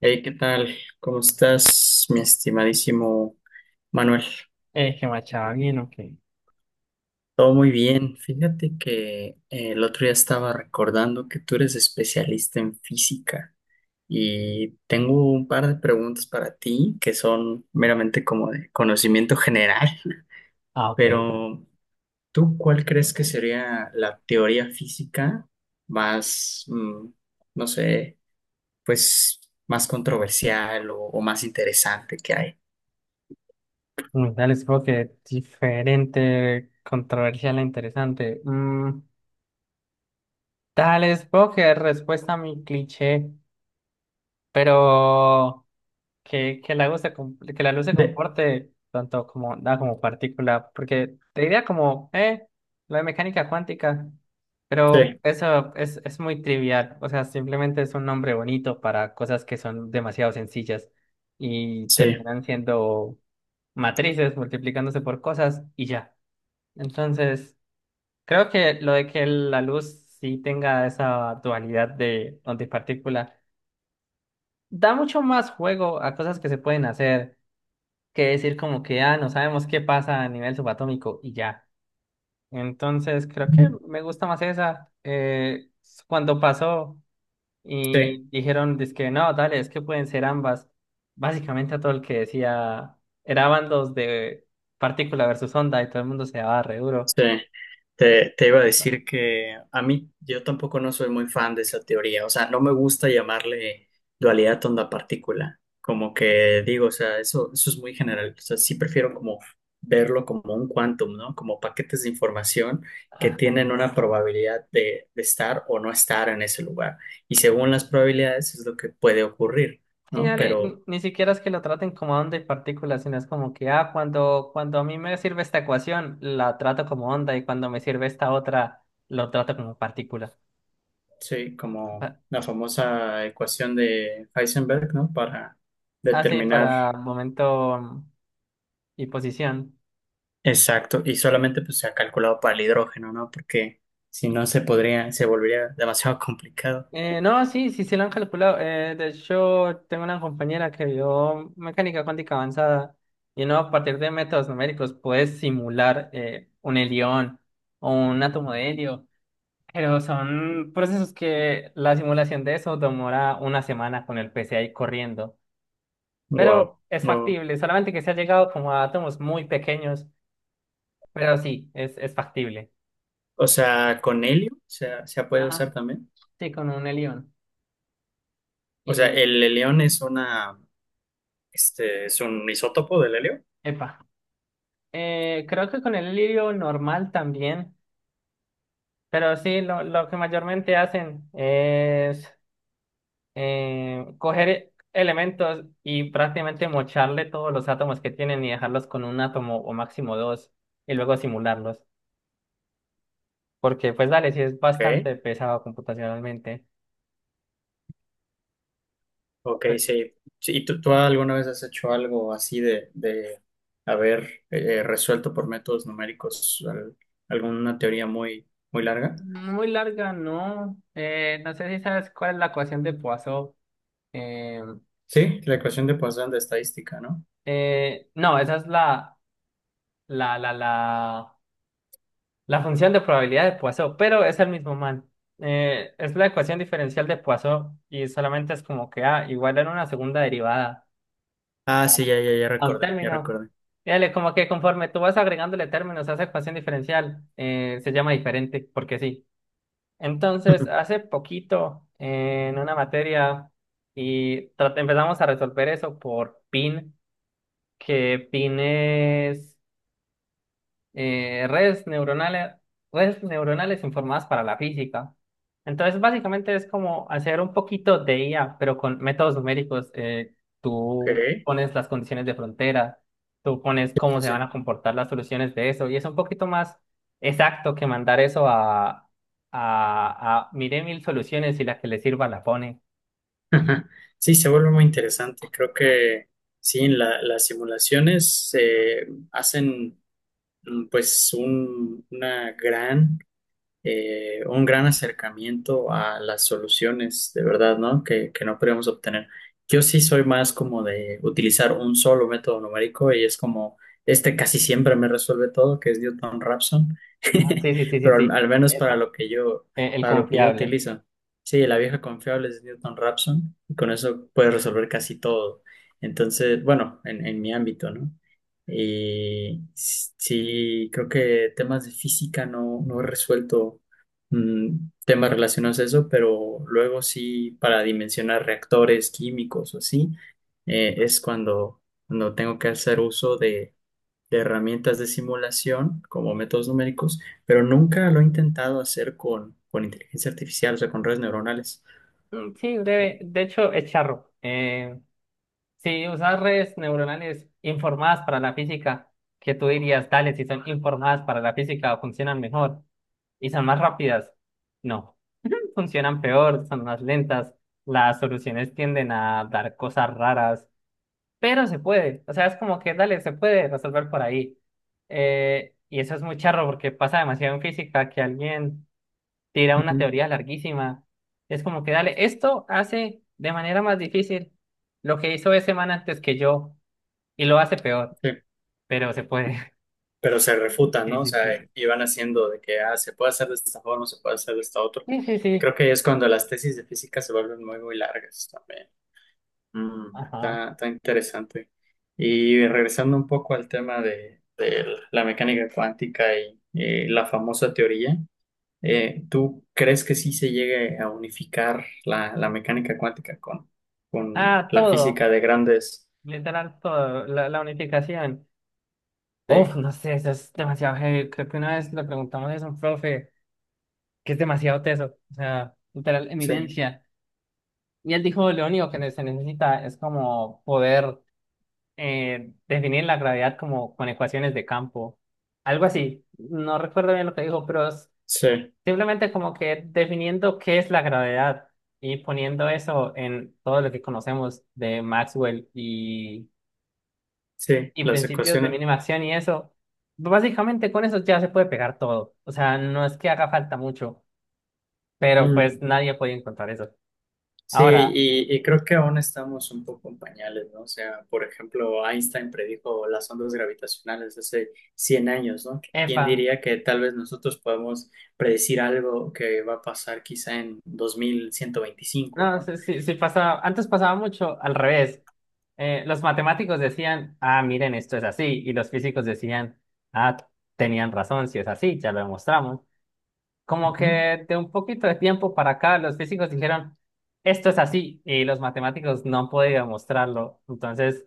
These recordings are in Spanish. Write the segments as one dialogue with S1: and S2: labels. S1: Hey, ¿qué tal? ¿Cómo estás, mi estimadísimo Manuel?
S2: Que machaba bien, ok.
S1: Todo muy bien. Fíjate que el otro día estaba recordando que tú eres especialista en física y tengo un par de preguntas para ti que son meramente como de conocimiento general,
S2: Ah, ok.
S1: pero ¿tú cuál crees que sería la teoría física más, no sé, pues más controversial o más interesante que hay?
S2: Dale, supongo que diferente, controversial e interesante. Dale, supongo que respuesta a mi cliché, pero que la luz se
S1: De-
S2: comporte tanto como da como partícula, porque te diría como, lo de mecánica cuántica, pero
S1: sí.
S2: eso es muy trivial, o sea, simplemente es un nombre bonito para cosas que son demasiado sencillas y
S1: Sí,
S2: terminan siendo matrices multiplicándose por cosas y ya. Entonces, creo que lo de que la luz sí tenga esa dualidad de onda y partícula da mucho más juego a cosas que se pueden hacer que decir como que, ah, no sabemos qué pasa a nivel subatómico y ya. Entonces, creo que me gusta más esa. Cuando pasó.
S1: sí,
S2: Y dijeron, dizque no, dale, es que pueden ser ambas. Básicamente a todo el que decía, era bandos de partícula versus onda y todo el mundo se daba re duro.
S1: sí. Te iba a decir que a mí, yo tampoco no soy muy fan de esa teoría. O sea, no me gusta llamarle dualidad onda-partícula, como que digo. O sea, eso es muy general. O sea, sí prefiero como verlo como un quantum, ¿no? Como paquetes de información que tienen
S2: Ajá.
S1: una probabilidad de estar o no estar en ese lugar, y según las probabilidades es lo que puede ocurrir,
S2: Sí,
S1: ¿no?
S2: dale, ni,
S1: Pero
S2: ni siquiera es que lo traten como onda y partícula, sino es como que, ah, cuando a mí me sirve esta ecuación, la trato como onda y cuando me sirve esta otra, lo trato como partícula.
S1: sí, como
S2: Pa-
S1: la famosa ecuación de Heisenberg, ¿no? Para
S2: Ah, sí,
S1: determinar
S2: para momento y posición.
S1: exacto. Y solamente pues se ha calculado para el hidrógeno, ¿no? Porque si no se podría, se volvería demasiado complicado.
S2: No, sí, sí, sí lo han calculado. De hecho, tengo una compañera que vio mecánica cuántica avanzada y no a partir de métodos numéricos puedes simular un helión o un átomo de helio, pero son procesos que la simulación de eso demora una semana con el PCI corriendo, pero
S1: Wow,
S2: es
S1: wow.
S2: factible, solamente que se ha llegado como a átomos muy pequeños, pero sí, es factible.
S1: O sea, con helio se, se ha podido
S2: Ajá,
S1: usar también.
S2: sí, con un helión.
S1: O sea,
S2: Y,
S1: el helión es una, es un isótopo del helio.
S2: Epa. Creo que con el lirio normal también, pero sí, lo que mayormente hacen es coger elementos y prácticamente mocharle todos los átomos que tienen y dejarlos con un átomo o máximo dos y luego simularlos. Porque pues dale, sí es
S1: ¿Ok?
S2: bastante pesado computacionalmente.
S1: Ok,
S2: Pe-
S1: sí. Sí, ¿y tú alguna vez has hecho algo así de haber resuelto por métodos numéricos alguna teoría muy, muy larga?
S2: Muy larga, no. No sé si sabes cuál es la ecuación de Poisson. Eh,
S1: Sí, la ecuación de Poisson de estadística, ¿no?
S2: no, esa es la. La función de probabilidad de Poisson, pero es el mismo man. Es la ecuación diferencial de Poisson y solamente es como que A igual en una segunda derivada
S1: Ah, sí,
S2: a
S1: ya, ya, ya
S2: a un
S1: recordé, ya
S2: término.
S1: recordé.
S2: Y Dale, como que conforme tú vas agregándole términos a esa ecuación diferencial, se llama diferente, porque sí. Entonces, hace poquito en una materia y empezamos a resolver eso por PIN, que PIN es eh, redes neuronales, redes neuronales informadas para la física. Entonces, básicamente es como hacer un poquito de IA, pero con métodos numéricos. Tú
S1: Okay.
S2: pones las condiciones de frontera, tú pones
S1: Sí,
S2: cómo
S1: sí,
S2: se
S1: sí.
S2: van a comportar las soluciones de eso, y es un poquito más exacto que mandar eso a mire mil soluciones y la que le sirva la pone.
S1: Sí, se vuelve muy interesante. Creo que sí, en las simulaciones hacen pues una gran un gran acercamiento a las soluciones de verdad, ¿no? Que no podríamos obtener. Yo sí soy más como de utilizar un solo método numérico y es como, este casi siempre me resuelve todo, que es Newton-Raphson,
S2: Ah, sí, sí, sí, sí,
S1: pero al,
S2: sí.
S1: al menos para
S2: Epa.
S1: lo que yo,
S2: El
S1: para lo que yo
S2: confiable.
S1: utilizo. Sí, la vieja confiable es Newton-Raphson y con eso puedes resolver casi todo. Entonces, bueno, en mi ámbito, ¿no? Y sí, creo que temas de física no, no he resuelto mm, temas relacionados a eso, pero luego sí, para dimensionar reactores químicos o así, es cuando, cuando tengo que hacer uso de herramientas de simulación como métodos numéricos, pero nunca lo he intentado hacer con inteligencia artificial. O sea, con redes neuronales.
S2: Sí, breve. De hecho, es charro. Si usas redes neuronales informadas para la física, que tú dirías, dale, si son informadas para la física, funcionan mejor y son más rápidas. No, funcionan peor, son más lentas, las soluciones tienden a dar cosas raras, pero se puede. O sea, es como que, dale, se puede resolver por ahí. Y eso es muy charro porque pasa demasiado en física que alguien tira una
S1: Ujú,
S2: teoría larguísima. Es como que, dale, esto hace de manera más difícil lo que hizo ese man antes que yo. Y lo hace peor,
S1: sí.
S2: pero se puede.
S1: Pero se refutan,
S2: Sí,
S1: ¿no? O
S2: sí,
S1: sea,
S2: sí.
S1: y van haciendo de que, ah, se puede hacer de esta forma, se puede hacer de esta otra.
S2: Sí, sí,
S1: Y
S2: sí.
S1: creo que ahí es cuando las tesis de física se vuelven muy, muy largas también.
S2: Ajá.
S1: Está, está interesante. Y regresando un poco al tema de la mecánica cuántica y, la famosa teoría, ¿tú crees que sí se llegue a unificar la, la mecánica cuántica con
S2: Ah,
S1: la
S2: todo.
S1: física de grandes?
S2: Literal todo. La unificación. Uf,
S1: Sí,
S2: no sé, eso es demasiado heavy. Creo que una vez le preguntamos eso a un profe, que es demasiado teso. O sea, literal,
S1: sí,
S2: eminencia. Y él dijo, lo único que se necesita es como poder definir la gravedad como con ecuaciones de campo. Algo así. No recuerdo bien lo que dijo, pero
S1: sí,
S2: simplemente como que definiendo qué es la gravedad y poniendo eso en todo lo que conocemos de Maxwell y,
S1: sí,
S2: y
S1: las
S2: principios de
S1: ecuaciones.
S2: mínima acción y eso, básicamente con eso ya se puede pegar todo. O sea, no es que haga falta mucho, pero pues nadie puede encontrar eso.
S1: Sí,
S2: Ahora,
S1: y creo que aún estamos un poco en pañales, ¿no? O sea, por ejemplo, Einstein predijo las ondas gravitacionales hace 100 años, ¿no? ¿Quién
S2: epa,
S1: diría que tal vez nosotros podemos predecir algo que va a pasar quizá en 2125,
S2: no,
S1: ¿no?
S2: si, si, si pasaba, antes pasaba mucho al revés. Los matemáticos decían, ah, miren, esto es así, y los físicos decían, ah, tenían razón, si es así, ya lo demostramos. Como
S1: Ujú.
S2: que de un poquito de tiempo para acá, los físicos dijeron, esto es así, y los matemáticos no han podido demostrarlo. Entonces,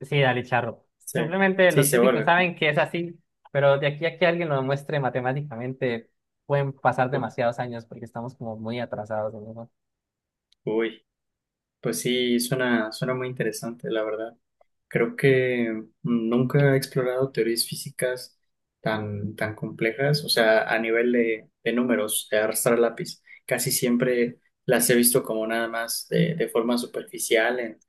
S2: sí, dale charro.
S1: Sí,
S2: Simplemente
S1: sí,
S2: los
S1: se
S2: físicos
S1: vuelve.
S2: saben que es así, pero de aquí a que alguien lo demuestre matemáticamente, pueden pasar
S1: ¿No?
S2: demasiados años porque estamos como muy atrasados en eso.
S1: Uy, pues sí, suena, suena muy interesante, la verdad. Creo que nunca he explorado teorías físicas tan, tan complejas. O sea, a nivel de números, de arrastrar lápiz. Casi siempre las he visto como nada más de forma superficial,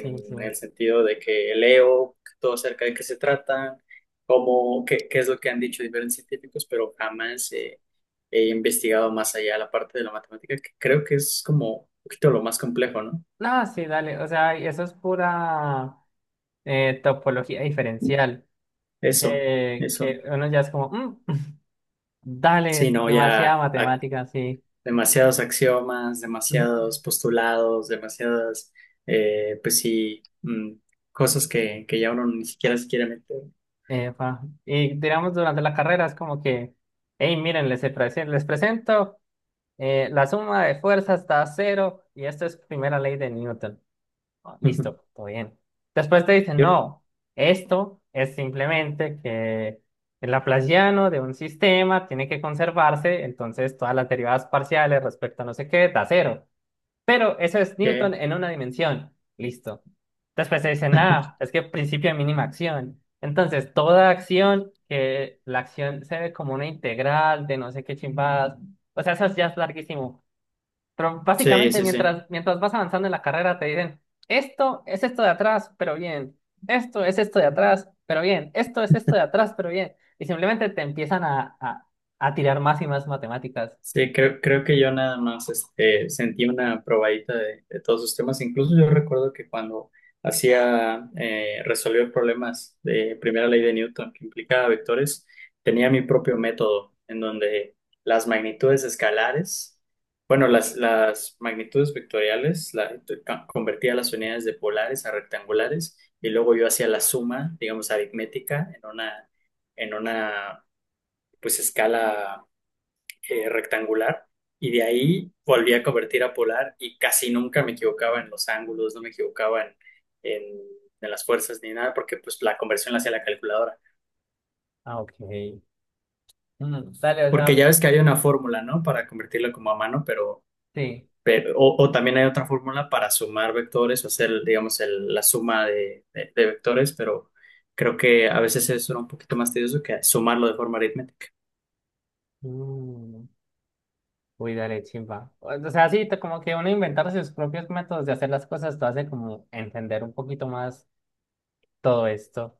S2: Sí, sí.
S1: el sentido de que leo todo acerca de qué se tratan, cómo, qué, qué es lo que han dicho diferentes científicos, pero jamás he, he investigado más allá la parte de la matemática, que creo que es como un poquito lo más complejo, ¿no?
S2: No, sí, dale. O sea, eso es pura topología diferencial,
S1: Eso,
S2: que,
S1: eso.
S2: que uno ya es como, "Mm, dale,
S1: Sí,
S2: es
S1: no,
S2: demasiada
S1: ya.
S2: matemática, sí.
S1: Demasiados axiomas,
S2: Ujú.
S1: demasiados postulados, demasiadas, pues sí, cosas que ya uno ni siquiera se quiere meter.
S2: Epa. Y digamos durante la carrera es como que, hey, miren, les presento, la suma de fuerzas da cero y esta es primera ley de Newton. Ah, listo, todo bien. Después te dicen,
S1: Yo,
S2: no, esto es simplemente que el Laplaciano de un sistema tiene que conservarse, entonces todas las derivadas parciales respecto a no sé qué da cero. Pero eso es Newton
S1: ¿qué?
S2: en una dimensión. Listo. Después se dice, ah, es que principio de mínima acción. Entonces, toda acción, que la acción se ve como una integral de no sé qué chimbadas. O sea, eso ya es larguísimo. Pero
S1: Sí,
S2: básicamente,
S1: sí, sí.
S2: mientras vas avanzando en la carrera, te dicen, esto es esto de atrás, pero bien. Esto es esto de atrás, pero bien. Esto es esto de atrás, pero bien. Y simplemente te empiezan a, tirar más y más matemáticas.
S1: Sí, creo, creo que yo nada más este, sentí una probadita de todos sus temas. Incluso yo recuerdo que cuando hacía, resolvió problemas de primera ley de Newton que implicaba vectores, tenía mi propio método en donde las magnitudes escalares, bueno, las magnitudes vectoriales, la, convertía las unidades de polares a rectangulares y luego yo hacía la suma, digamos, aritmética en una pues escala rectangular y de ahí volví a convertir a polar y casi nunca me equivocaba en los ángulos, no me equivocaba en, en- en las fuerzas ni nada porque pues la conversión la hacía la calculadora.
S2: Ah, ok. Dale, o
S1: Porque ya
S2: sea,
S1: ves que hay una fórmula, ¿no? Para convertirla como a mano,
S2: sí.
S1: pero o también hay otra fórmula para sumar vectores o hacer, digamos, la suma de vectores, pero creo que a veces eso era un poquito más tedioso que sumarlo de forma aritmética.
S2: Mm. Uy, dale, chimba. O sea, sí, como que uno inventar sus propios métodos de hacer las cosas, te hace como entender un poquito más todo esto.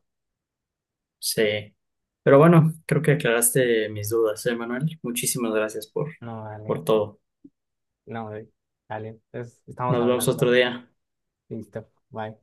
S1: Sí, pero bueno, creo que aclaraste mis dudas, ¿eh, Manuel? Muchísimas gracias
S2: No, dale,
S1: por todo.
S2: no, dale, dale, entonces estamos
S1: Nos vemos
S2: hablando.
S1: otro día.
S2: Listo, bye.